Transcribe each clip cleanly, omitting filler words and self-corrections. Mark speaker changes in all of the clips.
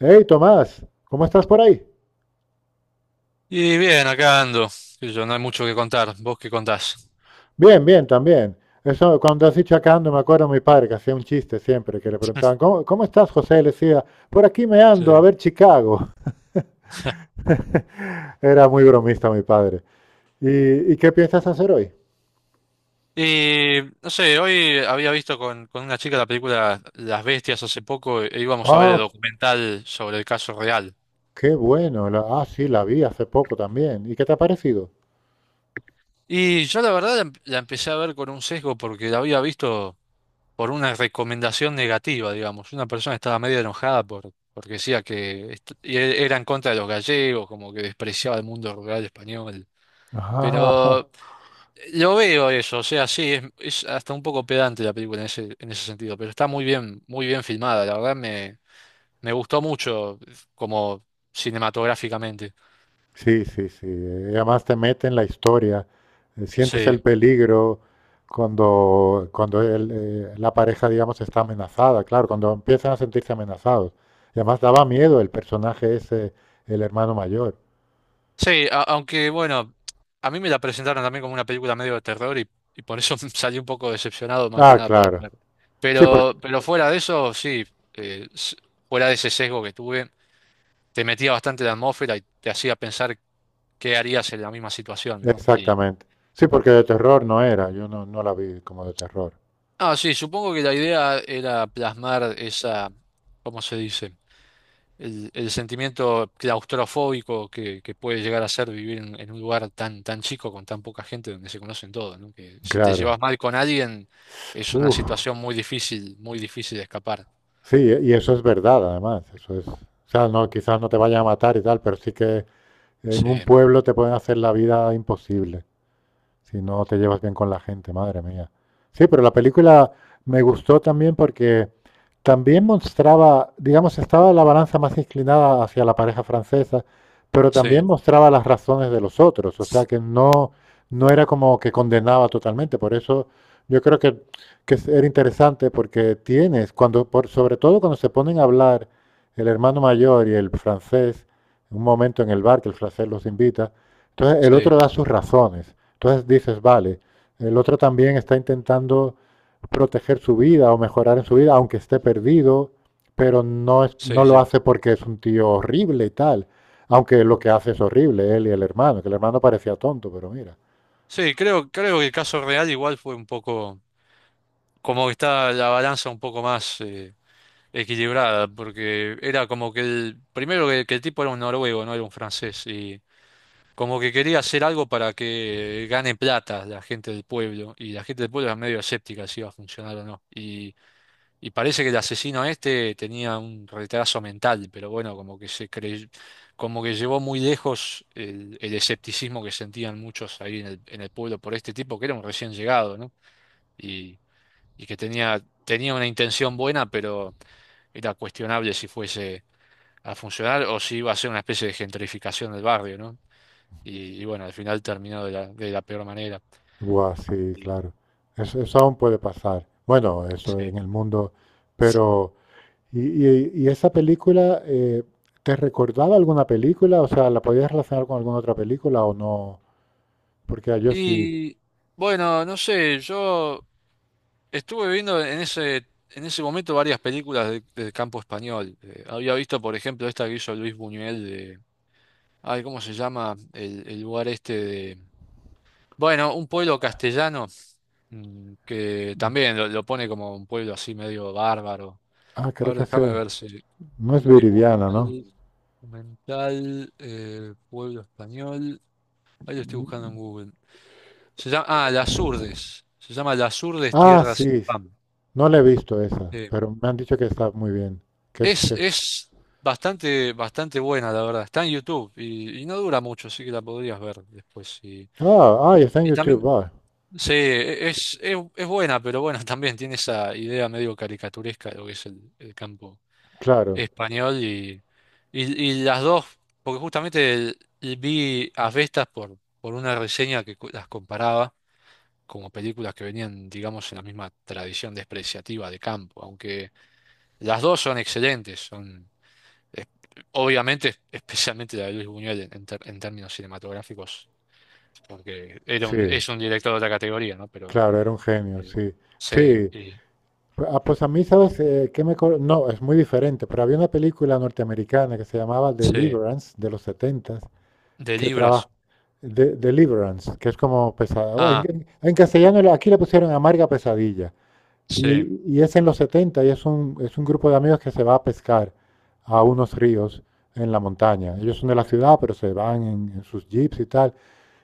Speaker 1: Hey, Tomás, ¿cómo estás por ahí?
Speaker 2: Y bien, acá ando. Qué sé yo, no hay mucho que contar. ¿Vos qué contás?
Speaker 1: Bien, bien, también. Eso, cuando has dicho acá ando, me acuerdo a mi padre que hacía un chiste siempre, que le preguntaban, ¿cómo estás, José? Y le decía, por aquí me
Speaker 2: Sí.
Speaker 1: ando, a ver Chicago. Era muy bromista mi padre. ¿Y qué piensas hacer hoy?
Speaker 2: Y no sé, hoy había visto con una chica la película Las Bestias hace poco e íbamos a ver el
Speaker 1: Ah,
Speaker 2: documental sobre el caso real.
Speaker 1: qué bueno. Sí, la vi hace poco también. ¿Y qué te ha parecido?
Speaker 2: Y yo la verdad la empecé a ver con un sesgo porque la había visto por una recomendación negativa, digamos. Una persona estaba medio enojada porque decía que era en contra de los gallegos, como que despreciaba el mundo rural español.
Speaker 1: Ah,
Speaker 2: Pero yo veo eso, o sea, sí, es hasta un poco pedante la película en en ese sentido, pero está muy bien filmada, me gustó mucho como cinematográficamente.
Speaker 1: sí, sí. Además te mete en la historia, sientes
Speaker 2: Sí,
Speaker 1: el peligro cuando, cuando el, la pareja, digamos, está amenazada, claro, cuando empiezan a sentirse amenazados. Y además daba miedo el personaje ese, el hermano mayor.
Speaker 2: sí, aunque bueno, a mí me la presentaron también como una película medio de terror y por eso salí un poco decepcionado más que
Speaker 1: Ah,
Speaker 2: nada por...
Speaker 1: claro. Sí,
Speaker 2: Pero fuera de eso, sí, eh, s- fuera de ese sesgo que tuve, te metía bastante en la atmósfera y te hacía pensar qué harías en la misma situación, ¿no?
Speaker 1: exactamente. Sí, porque de terror no era, yo no, no la vi como de terror.
Speaker 2: Ah, sí, supongo que la idea era plasmar esa, ¿cómo se dice? El sentimiento claustrofóbico que puede llegar a ser vivir en un lugar tan, tan chico, con tan poca gente, donde se conocen todos, ¿no? Que si te
Speaker 1: Claro.
Speaker 2: llevas mal con alguien, es una
Speaker 1: Uf,
Speaker 2: situación muy difícil de escapar.
Speaker 1: sí, y eso es verdad, además. Eso es, o sea, no, quizás no te vayan a matar y tal, pero sí que en un
Speaker 2: Sí,
Speaker 1: pueblo te pueden hacer la vida imposible si no te llevas bien con la gente, madre mía. Sí, pero la película me gustó también porque también mostraba, digamos, estaba la balanza más inclinada hacia la pareja francesa, pero también
Speaker 2: sí,
Speaker 1: mostraba las razones de los otros, o sea que no, no era como que condenaba totalmente, por eso yo creo que, era interesante porque tienes, cuando, por, sobre todo cuando se ponen a hablar el hermano mayor y el francés, un momento en el bar que el francés los invita, entonces el
Speaker 2: sí,
Speaker 1: otro da sus razones. Entonces dices, vale, el otro también está intentando proteger su vida o mejorar en su vida, aunque esté perdido, pero no, es, no
Speaker 2: sí,
Speaker 1: lo
Speaker 2: sí.
Speaker 1: hace porque es un tío horrible y tal. Aunque lo que hace es horrible, él y el hermano, que el hermano parecía tonto, pero mira.
Speaker 2: Sí, creo que el caso real igual fue un poco, como que está la balanza un poco más, equilibrada, porque era como que el, primero que el tipo era un noruego, no era un francés, y como que quería hacer algo para que gane plata la gente del pueblo, y la gente del pueblo era medio escéptica si iba a funcionar o no. Y parece que el asesino este tenía un retraso mental, pero bueno, como que llevó muy lejos el escepticismo que sentían muchos ahí en el pueblo por este tipo, que era un recién llegado, ¿no? Y, y que tenía, tenía una intención buena, pero era cuestionable si fuese a funcionar o si iba a ser una especie de gentrificación del barrio, ¿no? Y bueno, al final terminó de la peor manera.
Speaker 1: Buah, sí,
Speaker 2: Y,
Speaker 1: claro. Eso aún puede pasar. Bueno, eso en
Speaker 2: sí.
Speaker 1: el mundo. Pero, ¿y, y esa película te recordaba alguna película? O sea, ¿la podías relacionar con alguna otra película o no? Porque yo sí.
Speaker 2: Y, bueno, no sé, yo estuve viendo en ese momento varias películas del campo español. Había visto, por ejemplo, esta que hizo Luis Buñuel de... Ay, ¿cómo se llama? El lugar este de... Bueno, un pueblo castellano, que también lo pone como un pueblo así medio bárbaro.
Speaker 1: Ah,
Speaker 2: A
Speaker 1: creo
Speaker 2: ver,
Speaker 1: que
Speaker 2: déjame
Speaker 1: sé.
Speaker 2: ver si,
Speaker 1: No es
Speaker 2: Luis
Speaker 1: Viridiana, ¿no?
Speaker 2: Buñuel, documental, pueblo español. Ahí lo estoy buscando en Google. Se llama, ah, Las Urdes. Se llama Las Urdes,
Speaker 1: Ah,
Speaker 2: Tierra sin
Speaker 1: sí.
Speaker 2: Pan.
Speaker 1: No la he visto esa,
Speaker 2: Eh,
Speaker 1: pero me han dicho que está muy bien. Que es, que es-
Speaker 2: es bastante, bastante buena, la verdad. Está en YouTube y no dura mucho, así que la podrías ver después.
Speaker 1: Ah, ah, y está en
Speaker 2: Y
Speaker 1: YouTube.
Speaker 2: también,
Speaker 1: Ah,
Speaker 2: sí, es buena, pero bueno, también tiene esa idea medio caricaturesca de lo que es el campo
Speaker 1: claro.
Speaker 2: español y, y las dos, porque justamente vi a Vestas por una reseña que las comparaba como películas que venían, digamos, en la misma tradición despreciativa de campo, aunque las dos son excelentes, es- obviamente, especialmente la de Luis Buñuel en, en términos cinematográficos, porque era
Speaker 1: Sí,
Speaker 2: es un director de otra categoría, ¿no? Pero
Speaker 1: claro, era un genio,
Speaker 2: eh,
Speaker 1: sí.
Speaker 2: sí,
Speaker 1: Sí. Ah, pues a mí, ¿sabes qué no, es muy diferente, pero había una película norteamericana que se llamaba
Speaker 2: sí,
Speaker 1: Deliverance, de los setentas
Speaker 2: de
Speaker 1: que trabaja...
Speaker 2: libras.
Speaker 1: De, Deliverance, que es como pesada. Bueno,
Speaker 2: Ah,
Speaker 1: En castellano aquí le pusieron amarga pesadilla.
Speaker 2: sí,
Speaker 1: Y es en los 70 y es un grupo de amigos que se va a pescar a unos ríos en la montaña. Ellos son de la ciudad, pero se van en sus jeeps y tal.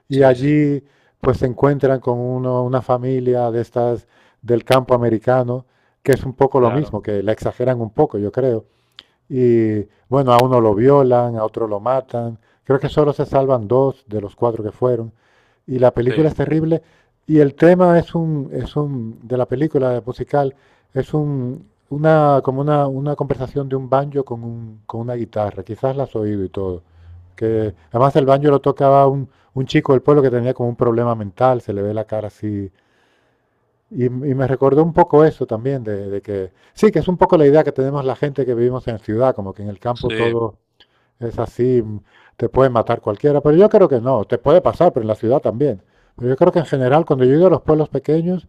Speaker 1: Y
Speaker 2: sí, sí,
Speaker 1: allí pues se encuentran con uno, una familia de estas del campo americano, que es un poco lo
Speaker 2: claro.
Speaker 1: mismo, que la exageran un poco, yo creo y bueno, a uno lo violan, a otro lo matan. Creo que solo se salvan dos de los cuatro que fueron. Y la
Speaker 2: Sí,
Speaker 1: película es terrible. Y el tema es un, de la película musical, es un, una, como una conversación de un banjo con, un, con una guitarra. Quizás la has oído y todo. Que además el banjo lo tocaba un chico del pueblo que tenía como un problema mental, se le ve la cara así y me recordó un poco eso también, de que sí, que es un poco la idea que tenemos la gente que vivimos en ciudad, como que en el campo
Speaker 2: sí.
Speaker 1: todo es así, te puede matar cualquiera, pero yo creo que no, te puede pasar, pero en la ciudad también. Pero yo creo que en general, cuando yo he ido a los pueblos pequeños,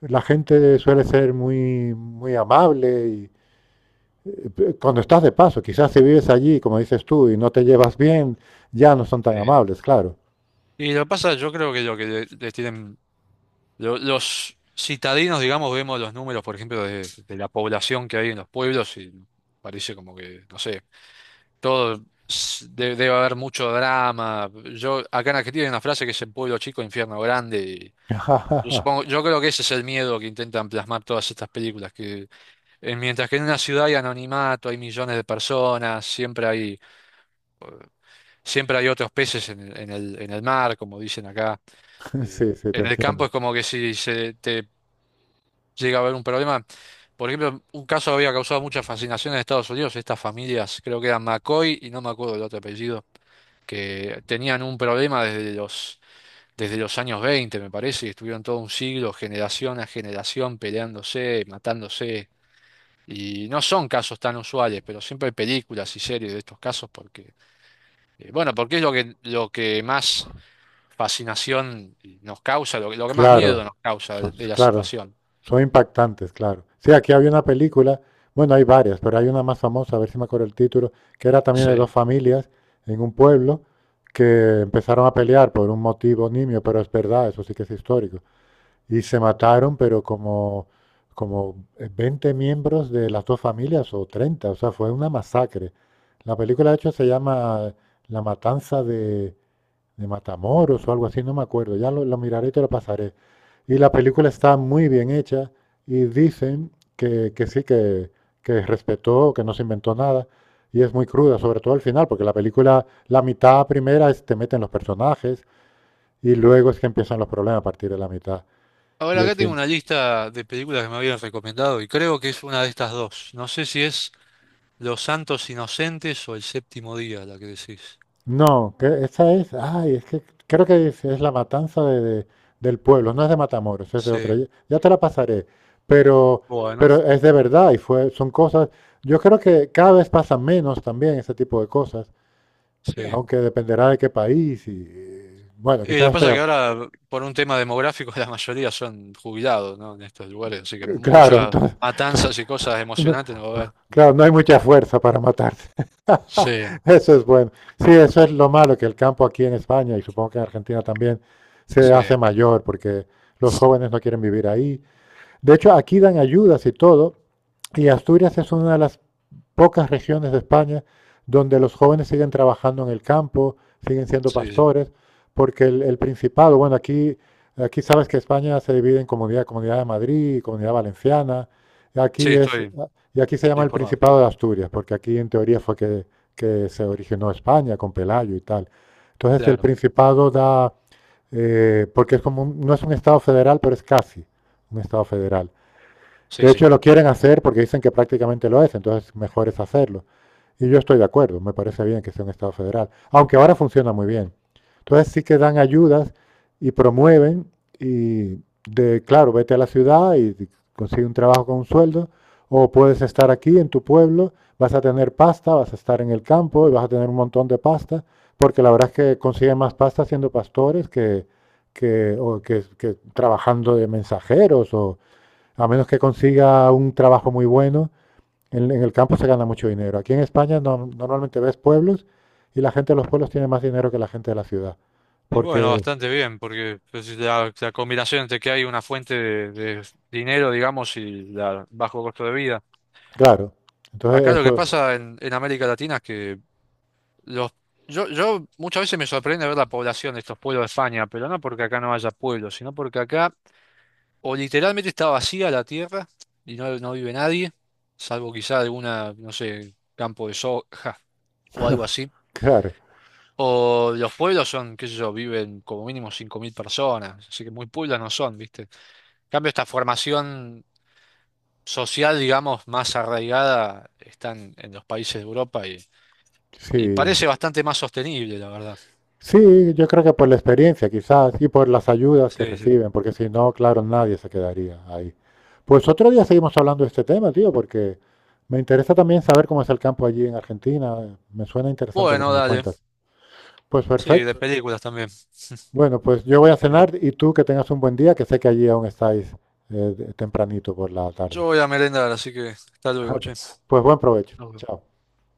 Speaker 1: la gente suele ser muy, muy amable y cuando estás de paso, quizás si vives allí, como dices tú, y no te llevas bien, ya no son tan
Speaker 2: Eh,
Speaker 1: amables, claro.
Speaker 2: y lo que pasa, yo creo que lo que les tienen los citadinos, digamos, vemos los números, por ejemplo, de la población que hay en los pueblos y parece como que, no sé, todo debe haber mucho drama. Yo acá en Argentina hay una frase que es el pueblo chico, infierno grande. Y yo supongo, yo creo que ese es el miedo que intentan plasmar todas estas películas, que mientras que en una ciudad hay anonimato, hay millones de personas, siempre hay otros peces en el, en el mar, como dicen acá.
Speaker 1: Sí, sí, te
Speaker 2: En el campo
Speaker 1: entiendo.
Speaker 2: es como que si se te llega a haber un problema. Por ejemplo, un caso había causado mucha fascinación en Estados Unidos, estas familias, creo que eran McCoy y no me acuerdo del otro apellido, que tenían un problema desde los años 20, me parece, y estuvieron todo un siglo, generación a generación, peleándose, matándose. Y no son casos tan usuales, pero siempre hay películas y series de estos casos porque, bueno, porque es lo que más fascinación nos causa, que lo que más miedo
Speaker 1: Claro,
Speaker 2: nos causa de la
Speaker 1: claro,
Speaker 2: situación.
Speaker 1: son impactantes, claro. Sí, aquí había una película, bueno, hay varias, pero hay una más famosa, a ver si me acuerdo el título, que era también de dos
Speaker 2: Sí.
Speaker 1: familias en un pueblo que empezaron a pelear por un motivo nimio, pero es verdad, eso sí que es histórico. Y se mataron, pero como 20 miembros de las dos familias o 30, o sea, fue una masacre. La película, de hecho, se llama La Matanza de Matamoros o algo así, no me acuerdo, ya lo miraré y te lo pasaré. Y la película está muy bien hecha y dicen que sí, que respetó, que no se inventó nada y es muy cruda, sobre todo al final, porque la película, la mitad primera es te meten los personajes y luego es que empiezan los problemas a partir de la mitad. Y
Speaker 2: Ahora
Speaker 1: el,
Speaker 2: acá tengo
Speaker 1: cin-
Speaker 2: una lista de películas que me habían recomendado y creo que es una de estas dos. No sé si es Los Santos Inocentes o El Séptimo Día la que decís.
Speaker 1: No, que esa es, ay, es que creo que es la matanza de, del pueblo, no es de Matamoros, es de otra. Ya,
Speaker 2: Sí,
Speaker 1: ya te la pasaré, pero,
Speaker 2: bueno,
Speaker 1: pero es de verdad y fue, son cosas. Yo creo que cada vez pasan menos también ese tipo de cosas,
Speaker 2: sí.
Speaker 1: aunque dependerá de qué país y bueno,
Speaker 2: Y lo
Speaker 1: quizás
Speaker 2: que
Speaker 1: estoy,
Speaker 2: pasa es que ahora, por un tema demográfico, la mayoría son jubilados, ¿no? En estos lugares, así que
Speaker 1: claro,
Speaker 2: muchas
Speaker 1: entonces, entonces,
Speaker 2: matanzas y cosas
Speaker 1: no,
Speaker 2: emocionantes no va a haber.
Speaker 1: claro, no hay mucha fuerza para matarse.
Speaker 2: Sí,
Speaker 1: Eso es bueno. Sí, eso es lo malo, que el campo aquí en España y supongo que en Argentina también se
Speaker 2: sí,
Speaker 1: hace mayor porque los jóvenes no quieren vivir ahí. De hecho, aquí dan ayudas y todo. Y Asturias es una de las pocas regiones de España donde los jóvenes siguen trabajando en el campo, siguen siendo
Speaker 2: sí, sí.
Speaker 1: pastores, porque el Principado, bueno, aquí, aquí sabes que España se divide en comunidad, Comunidad de Madrid, y Comunidad Valenciana, y
Speaker 2: Sí,
Speaker 1: aquí es,
Speaker 2: estoy
Speaker 1: y aquí se llama el
Speaker 2: informado.
Speaker 1: Principado de Asturias, porque aquí en teoría que se originó España con Pelayo y tal. Entonces el
Speaker 2: Claro.
Speaker 1: Principado da, porque es como no es un Estado federal, pero es casi un Estado federal.
Speaker 2: Sí,
Speaker 1: De
Speaker 2: sí.
Speaker 1: hecho, lo quieren hacer porque dicen que prácticamente lo es, entonces mejor es hacerlo. Y yo estoy de acuerdo, me parece bien que sea un Estado federal, aunque ahora funciona muy bien. Entonces sí que dan ayudas y promueven y de, claro, vete a la ciudad y consigue un trabajo con un sueldo, o puedes estar aquí en tu pueblo, vas a tener pasta, vas a estar en el campo y vas a tener un montón de pasta, porque la verdad es que consiguen más pasta siendo pastores que, o que, que trabajando de mensajeros o, a menos que consiga un trabajo muy bueno, en el campo se gana mucho dinero. Aquí en España normalmente ves pueblos y la gente de los pueblos tiene más dinero que la gente de la ciudad.
Speaker 2: Y bueno,
Speaker 1: Porque,
Speaker 2: bastante bien, porque pues, si la, la combinación entre que hay una fuente de dinero, digamos, y la bajo costo de vida.
Speaker 1: claro, entonces
Speaker 2: Acá lo que claro,
Speaker 1: eso,
Speaker 2: pasa en América Latina es que los, yo muchas veces me sorprende ver la población de estos pueblos de España, pero no porque acá no haya pueblos, sino porque acá o literalmente está vacía la tierra y no, no vive nadie, salvo quizá alguna, no sé, campo de soja o algo así.
Speaker 1: claro,
Speaker 2: O los pueblos son, qué sé yo, viven como mínimo 5000 personas, así que muy pueblos no son, ¿viste? En cambio, esta formación social, digamos, más arraigada está en los países de Europa y
Speaker 1: sí.
Speaker 2: parece bastante más sostenible, la verdad.
Speaker 1: Sí, yo creo que por la experiencia quizás y por las ayudas que
Speaker 2: Sí, sí.
Speaker 1: reciben, porque si no, claro, nadie se quedaría ahí. Pues otro día seguimos hablando de este tema, tío, porque me interesa también saber cómo es el campo allí en Argentina. Me suena interesante lo que
Speaker 2: Bueno,
Speaker 1: me
Speaker 2: dale.
Speaker 1: cuentas. Pues
Speaker 2: Sí, de
Speaker 1: perfecto.
Speaker 2: películas también.
Speaker 1: Bueno, pues yo voy a
Speaker 2: Así que,
Speaker 1: cenar y tú que tengas un buen día, que sé que allí aún estáis tempranito por la tarde.
Speaker 2: yo voy a merendar, así que hasta luego, che.
Speaker 1: Pues buen provecho.
Speaker 2: Nos vemos.
Speaker 1: Chao.